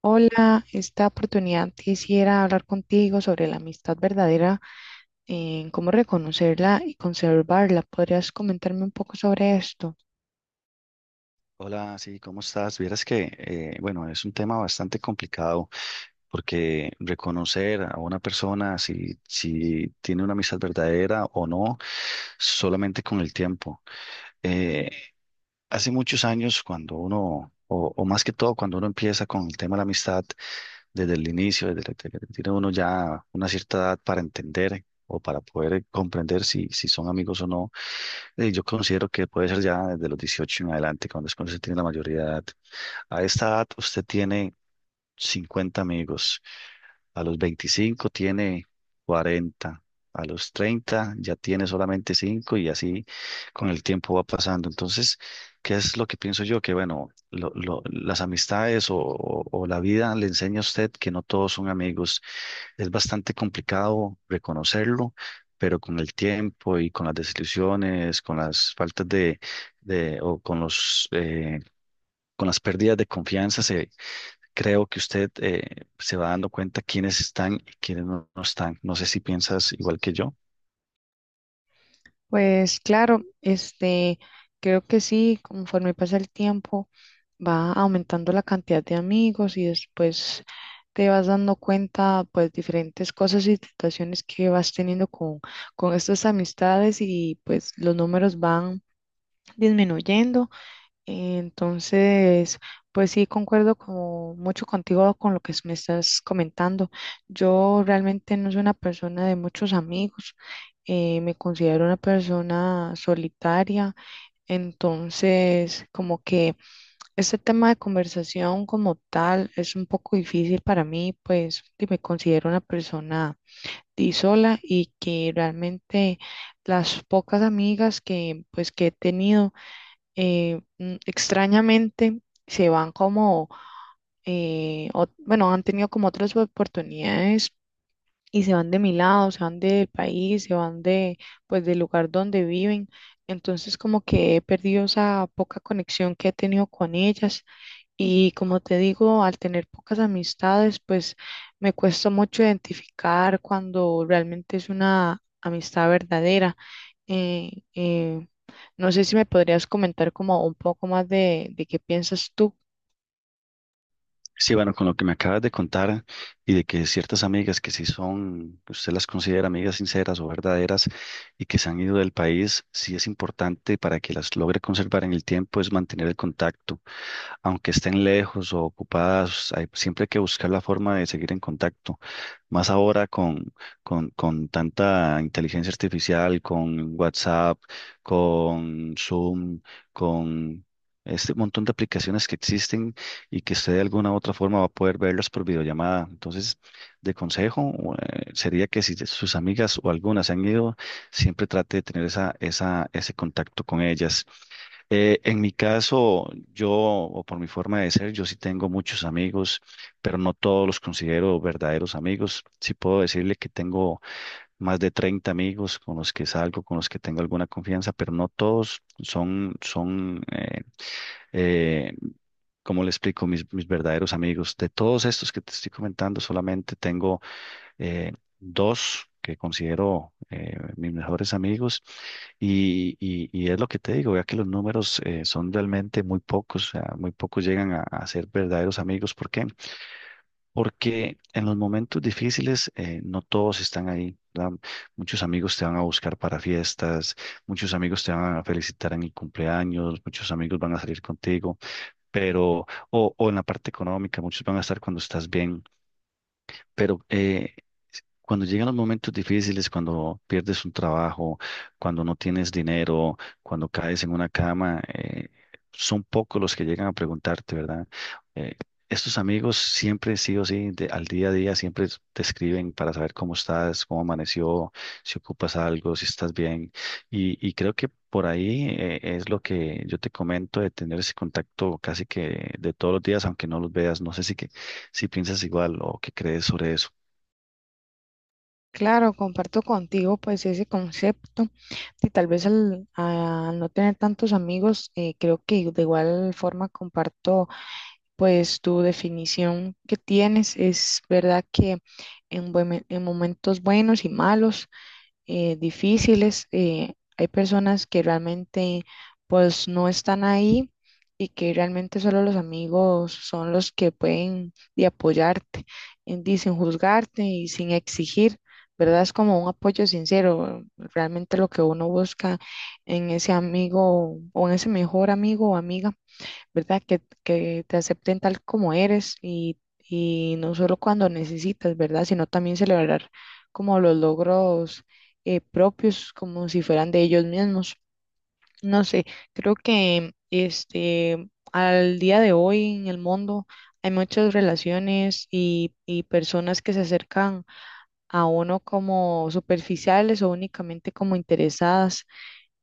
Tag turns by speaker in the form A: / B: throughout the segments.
A: Hola, esta oportunidad quisiera hablar contigo sobre la amistad verdadera, en cómo reconocerla y conservarla. ¿Podrías comentarme un poco sobre esto?
B: Hola, sí, ¿cómo estás? Vieras que, bueno, es un tema bastante complicado porque reconocer a una persona si tiene una amistad verdadera o no, solamente con el tiempo. Eh, Hace muchos años, cuando uno, o más que todo, cuando uno empieza con el tema de la amistad, desde el inicio, desde que tiene uno ya una cierta edad para entender o para poder comprender si son amigos o no. Yo considero que puede ser ya desde los 18 en adelante, cuando es cuando se tiene la mayoría de edad. A esta edad usted tiene 50 amigos, a los 25 tiene 40, a los 30 ya tiene solamente 5 y así con el tiempo va pasando. Entonces, ¿qué es lo que pienso yo? Que bueno, las amistades o la vida le enseña a usted que no todos son amigos. Es bastante complicado reconocerlo, pero con el tiempo y con las desilusiones, con las faltas de o con los, con las pérdidas de confianza, se, creo que usted se va dando cuenta quiénes están y quiénes no están. No sé si piensas igual que yo.
A: Pues claro, creo que sí, conforme pasa el tiempo, va aumentando la cantidad de amigos y después te vas dando cuenta, pues, diferentes cosas y situaciones que vas teniendo con estas amistades y pues los números van disminuyendo. Entonces, pues sí, concuerdo como mucho contigo con lo que me estás comentando. Yo realmente no soy una persona de muchos amigos, me considero una persona solitaria, entonces como que este tema de conversación como tal es un poco difícil para mí, pues y me considero una persona di sola y que realmente las pocas amigas que he tenido, extrañamente se van han tenido como otras oportunidades y se van de mi lado, se van del país, pues, del lugar donde viven. Entonces como que he perdido esa poca conexión que he tenido con ellas y como te digo, al tener pocas amistades, pues me cuesta mucho identificar cuando realmente es una amistad verdadera. eh, eh, no sé si me podrías comentar como un poco más de qué piensas tú.
B: Sí, bueno, con lo que me acabas de contar y de que ciertas amigas que sí son, que usted las considera amigas sinceras o verdaderas y que se han ido del país, sí es importante para que las logre conservar en el tiempo es mantener el contacto. Aunque estén lejos o ocupadas, hay, siempre hay que buscar la forma de seguir en contacto. Más ahora con, con tanta inteligencia artificial, con WhatsApp, con Zoom, con este montón de aplicaciones que existen y que usted de alguna u otra forma va a poder verlos por videollamada. Entonces, de consejo, sería que si sus amigas o algunas se han ido, siempre trate de tener esa, esa, ese contacto con ellas. En mi caso, yo, o por mi forma de ser, yo sí tengo muchos amigos, pero no todos los considero verdaderos amigos. Sí puedo decirle que tengo más de 30 amigos con los que salgo, con los que tengo alguna confianza, pero no todos son, son eh, como le explico, mis verdaderos amigos, de todos estos que te estoy comentando, solamente tengo eh, dos que considero mis mejores amigos y, y es lo que te digo, ya que los números son realmente muy pocos, o sea, muy pocos llegan a ser verdaderos amigos. ¿Por qué? Porque en los momentos difíciles no todos están ahí, ¿verdad? Muchos amigos te van a buscar para fiestas, muchos amigos te van a felicitar en el cumpleaños, muchos amigos van a salir contigo pero, o en la parte económica, muchos van a estar cuando estás bien, pero cuando llegan los momentos difíciles, cuando pierdes un trabajo, cuando no tienes dinero, cuando caes en una cama, son pocos los que llegan a preguntarte, ¿verdad? Eh, Estos amigos siempre, sí o sí, al día a día, siempre te escriben para saber cómo estás, cómo amaneció, si ocupas algo, si estás bien. Y creo que por ahí es lo que yo te comento de tener ese contacto casi que de todos los días, aunque no los veas. No sé si que si piensas igual o qué crees sobre eso.
A: Claro, comparto contigo pues ese concepto y tal vez al no tener tantos amigos, creo que de igual forma comparto pues tu definición que tienes. Es verdad que en momentos buenos y malos, difíciles, hay personas que realmente pues no están ahí y que realmente solo los amigos son los que pueden y apoyarte, sin juzgarte y sin exigir, ¿verdad? Es como un apoyo sincero, realmente lo que uno busca en ese amigo o en ese mejor amigo o amiga. ¿Verdad? Que te acepten tal como eres y no solo cuando necesitas, ¿verdad? Sino también celebrar como los logros propios, como si fueran de ellos mismos. No sé, creo que al día de hoy en el mundo hay muchas relaciones y personas que se acercan a uno como superficiales o únicamente como interesadas.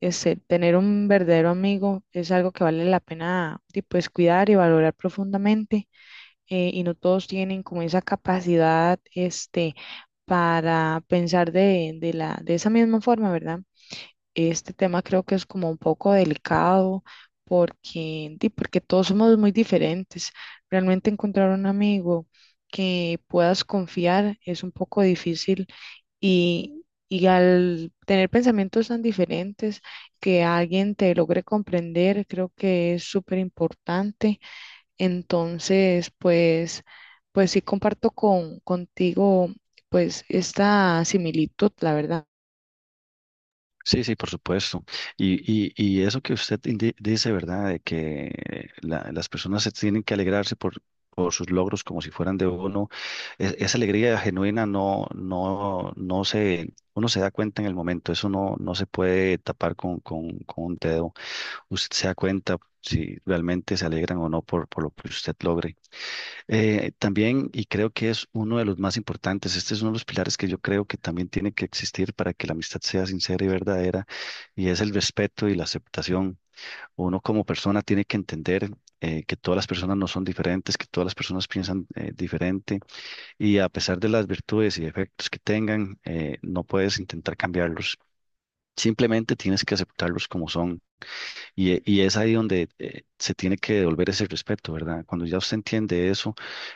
A: Tener un verdadero amigo es algo que vale la pena, y, pues, cuidar y valorar profundamente. Y no todos tienen como esa capacidad, para pensar de esa misma forma, ¿verdad? Este tema creo que es como un poco delicado porque, porque todos somos muy diferentes. Realmente encontrar un amigo que puedas confiar es un poco difícil y al tener pensamientos tan diferentes, que alguien te logre comprender, creo que es súper importante. Entonces, pues, pues sí comparto contigo, pues, esta similitud, la verdad.
B: Sí, sí, por supuesto. Y, y eso que usted dice, ¿verdad? De que las personas se tienen que alegrarse por sus logros como si fueran de uno. Esa alegría genuina no, no, no se, uno se da cuenta en el momento. Eso no, no se puede tapar con, con un dedo. Usted se da cuenta si realmente se alegran o no por, por lo que usted logre. También, y creo que es uno de los más importantes, este es uno de los pilares que yo creo que también tiene que existir para que la amistad sea sincera y verdadera, y es el respeto y la aceptación. Uno como persona tiene que entender. Que todas las personas no son diferentes, que todas las personas piensan diferente y a pesar de las virtudes y defectos que tengan, no puedes intentar cambiarlos. Simplemente tienes que aceptarlos como son. Y, y es ahí donde se tiene que devolver ese respeto, ¿verdad? Cuando ya usted entiende eso,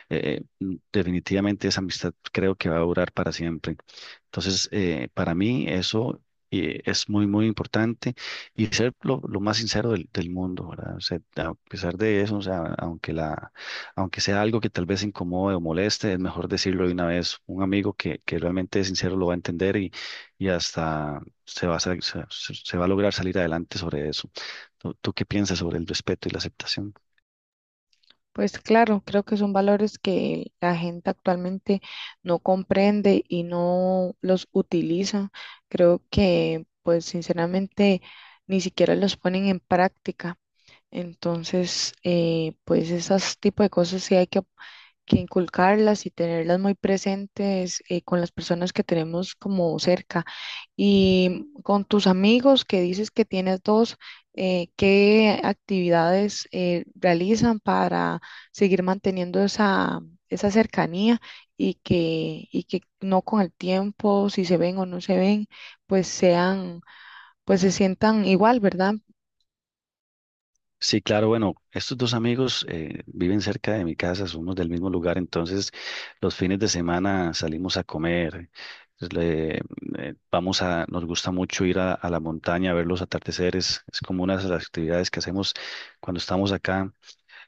B: definitivamente esa amistad creo que va a durar para siempre. Entonces, para mí eso es muy, muy importante y ser lo más sincero del, del mundo, ¿verdad? O sea, a pesar de eso, o sea, aunque la, aunque sea algo que tal vez incomode o moleste, es mejor decirlo de una vez. Un amigo que realmente es sincero lo va a entender y hasta se va a, se va a lograr salir adelante sobre eso. ¿Tú qué piensas sobre el respeto y la aceptación?
A: Pues claro, creo que son valores que la gente actualmente no comprende y no los utiliza. Creo que, pues sinceramente, ni siquiera los ponen en práctica. Entonces, pues esos tipo de cosas sí hay que inculcarlas y tenerlas muy presentes, con las personas que tenemos como cerca. Y con tus amigos que dices que tienes dos, ¿qué actividades realizan para seguir manteniendo esa cercanía y y que no con el tiempo, si se ven o no se ven, pues sean, pues se sientan igual, ¿verdad?
B: Sí, claro, bueno, estos dos amigos viven cerca de mi casa, somos del mismo lugar, entonces los fines de semana salimos a comer, pues, vamos a, nos gusta mucho ir a la montaña a ver los atardeceres, es como una de las actividades que hacemos cuando estamos acá.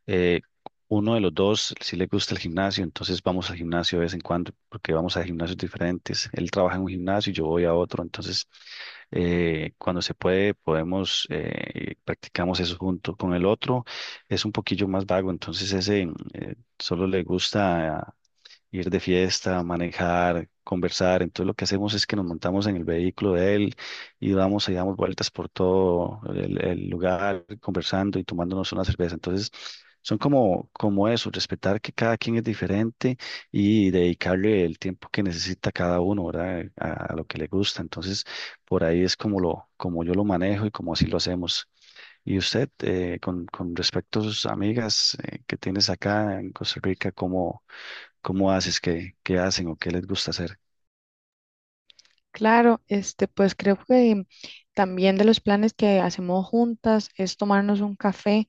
B: Eh, Uno de los dos sí le gusta el gimnasio, entonces vamos al gimnasio de vez en cuando, porque vamos a gimnasios diferentes. Él trabaja en un gimnasio y yo voy a otro, entonces cuando se puede podemos, practicamos eso junto con el otro. Es un poquillo más vago, entonces ese solo le gusta ir de fiesta, manejar, conversar. Entonces lo que hacemos es que nos montamos en el vehículo de él y vamos y damos vueltas por todo el lugar, conversando y tomándonos una cerveza. Entonces son como, como eso, respetar que cada quien es diferente y dedicarle el tiempo que necesita cada uno, ¿verdad? A lo que le gusta. Entonces por ahí es como lo, como yo lo manejo y como así lo hacemos. Y usted, con respecto a sus amigas que tienes acá en Costa Rica, ¿cómo haces? ¿Qué, qué hacen o qué les gusta hacer?
A: Claro, pues creo que también de los planes que hacemos juntas es tomarnos un café.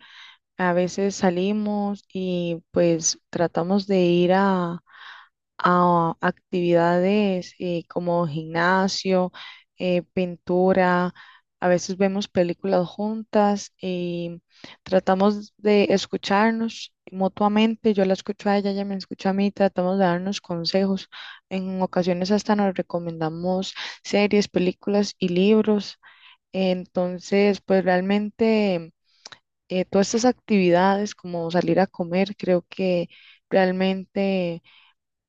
A: A veces salimos y pues tratamos de ir a actividades, como gimnasio, pintura. A veces vemos películas juntas y tratamos de escucharnos mutuamente. Yo la escucho a ella, ella me escucha a mí, tratamos de darnos consejos. En ocasiones hasta nos recomendamos series, películas y libros. Entonces, pues realmente, todas estas actividades como salir a comer, creo que realmente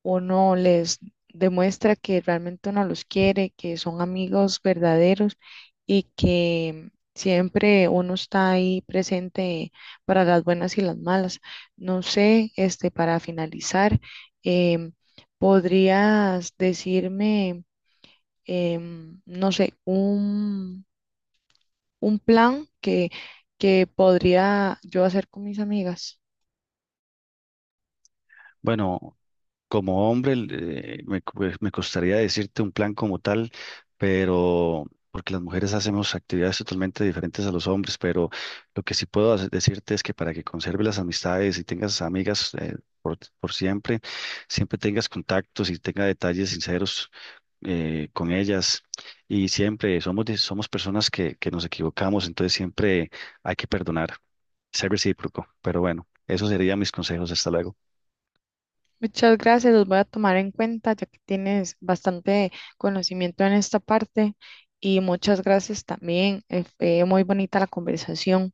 A: uno les demuestra que realmente uno los quiere, que son amigos verdaderos y que siempre uno está ahí presente para las buenas y las malas. No sé, para finalizar, em, ¿podrías decirme, no sé, un plan que podría yo hacer con mis amigas?
B: Bueno, como hombre, me, pues, me costaría decirte un plan como tal, pero porque las mujeres hacemos actividades totalmente diferentes a los hombres, pero lo que sí puedo decirte es que para que conserves las amistades y tengas amigas por siempre, siempre tengas contactos y tengas detalles sinceros con ellas. Y siempre somos, somos personas que nos equivocamos, entonces siempre hay que perdonar, ser recíproco. Pero bueno, esos serían mis consejos. Hasta luego.
A: Muchas gracias, los voy a tomar en cuenta ya que tienes bastante conocimiento en esta parte y muchas gracias también. Fue muy bonita la conversación.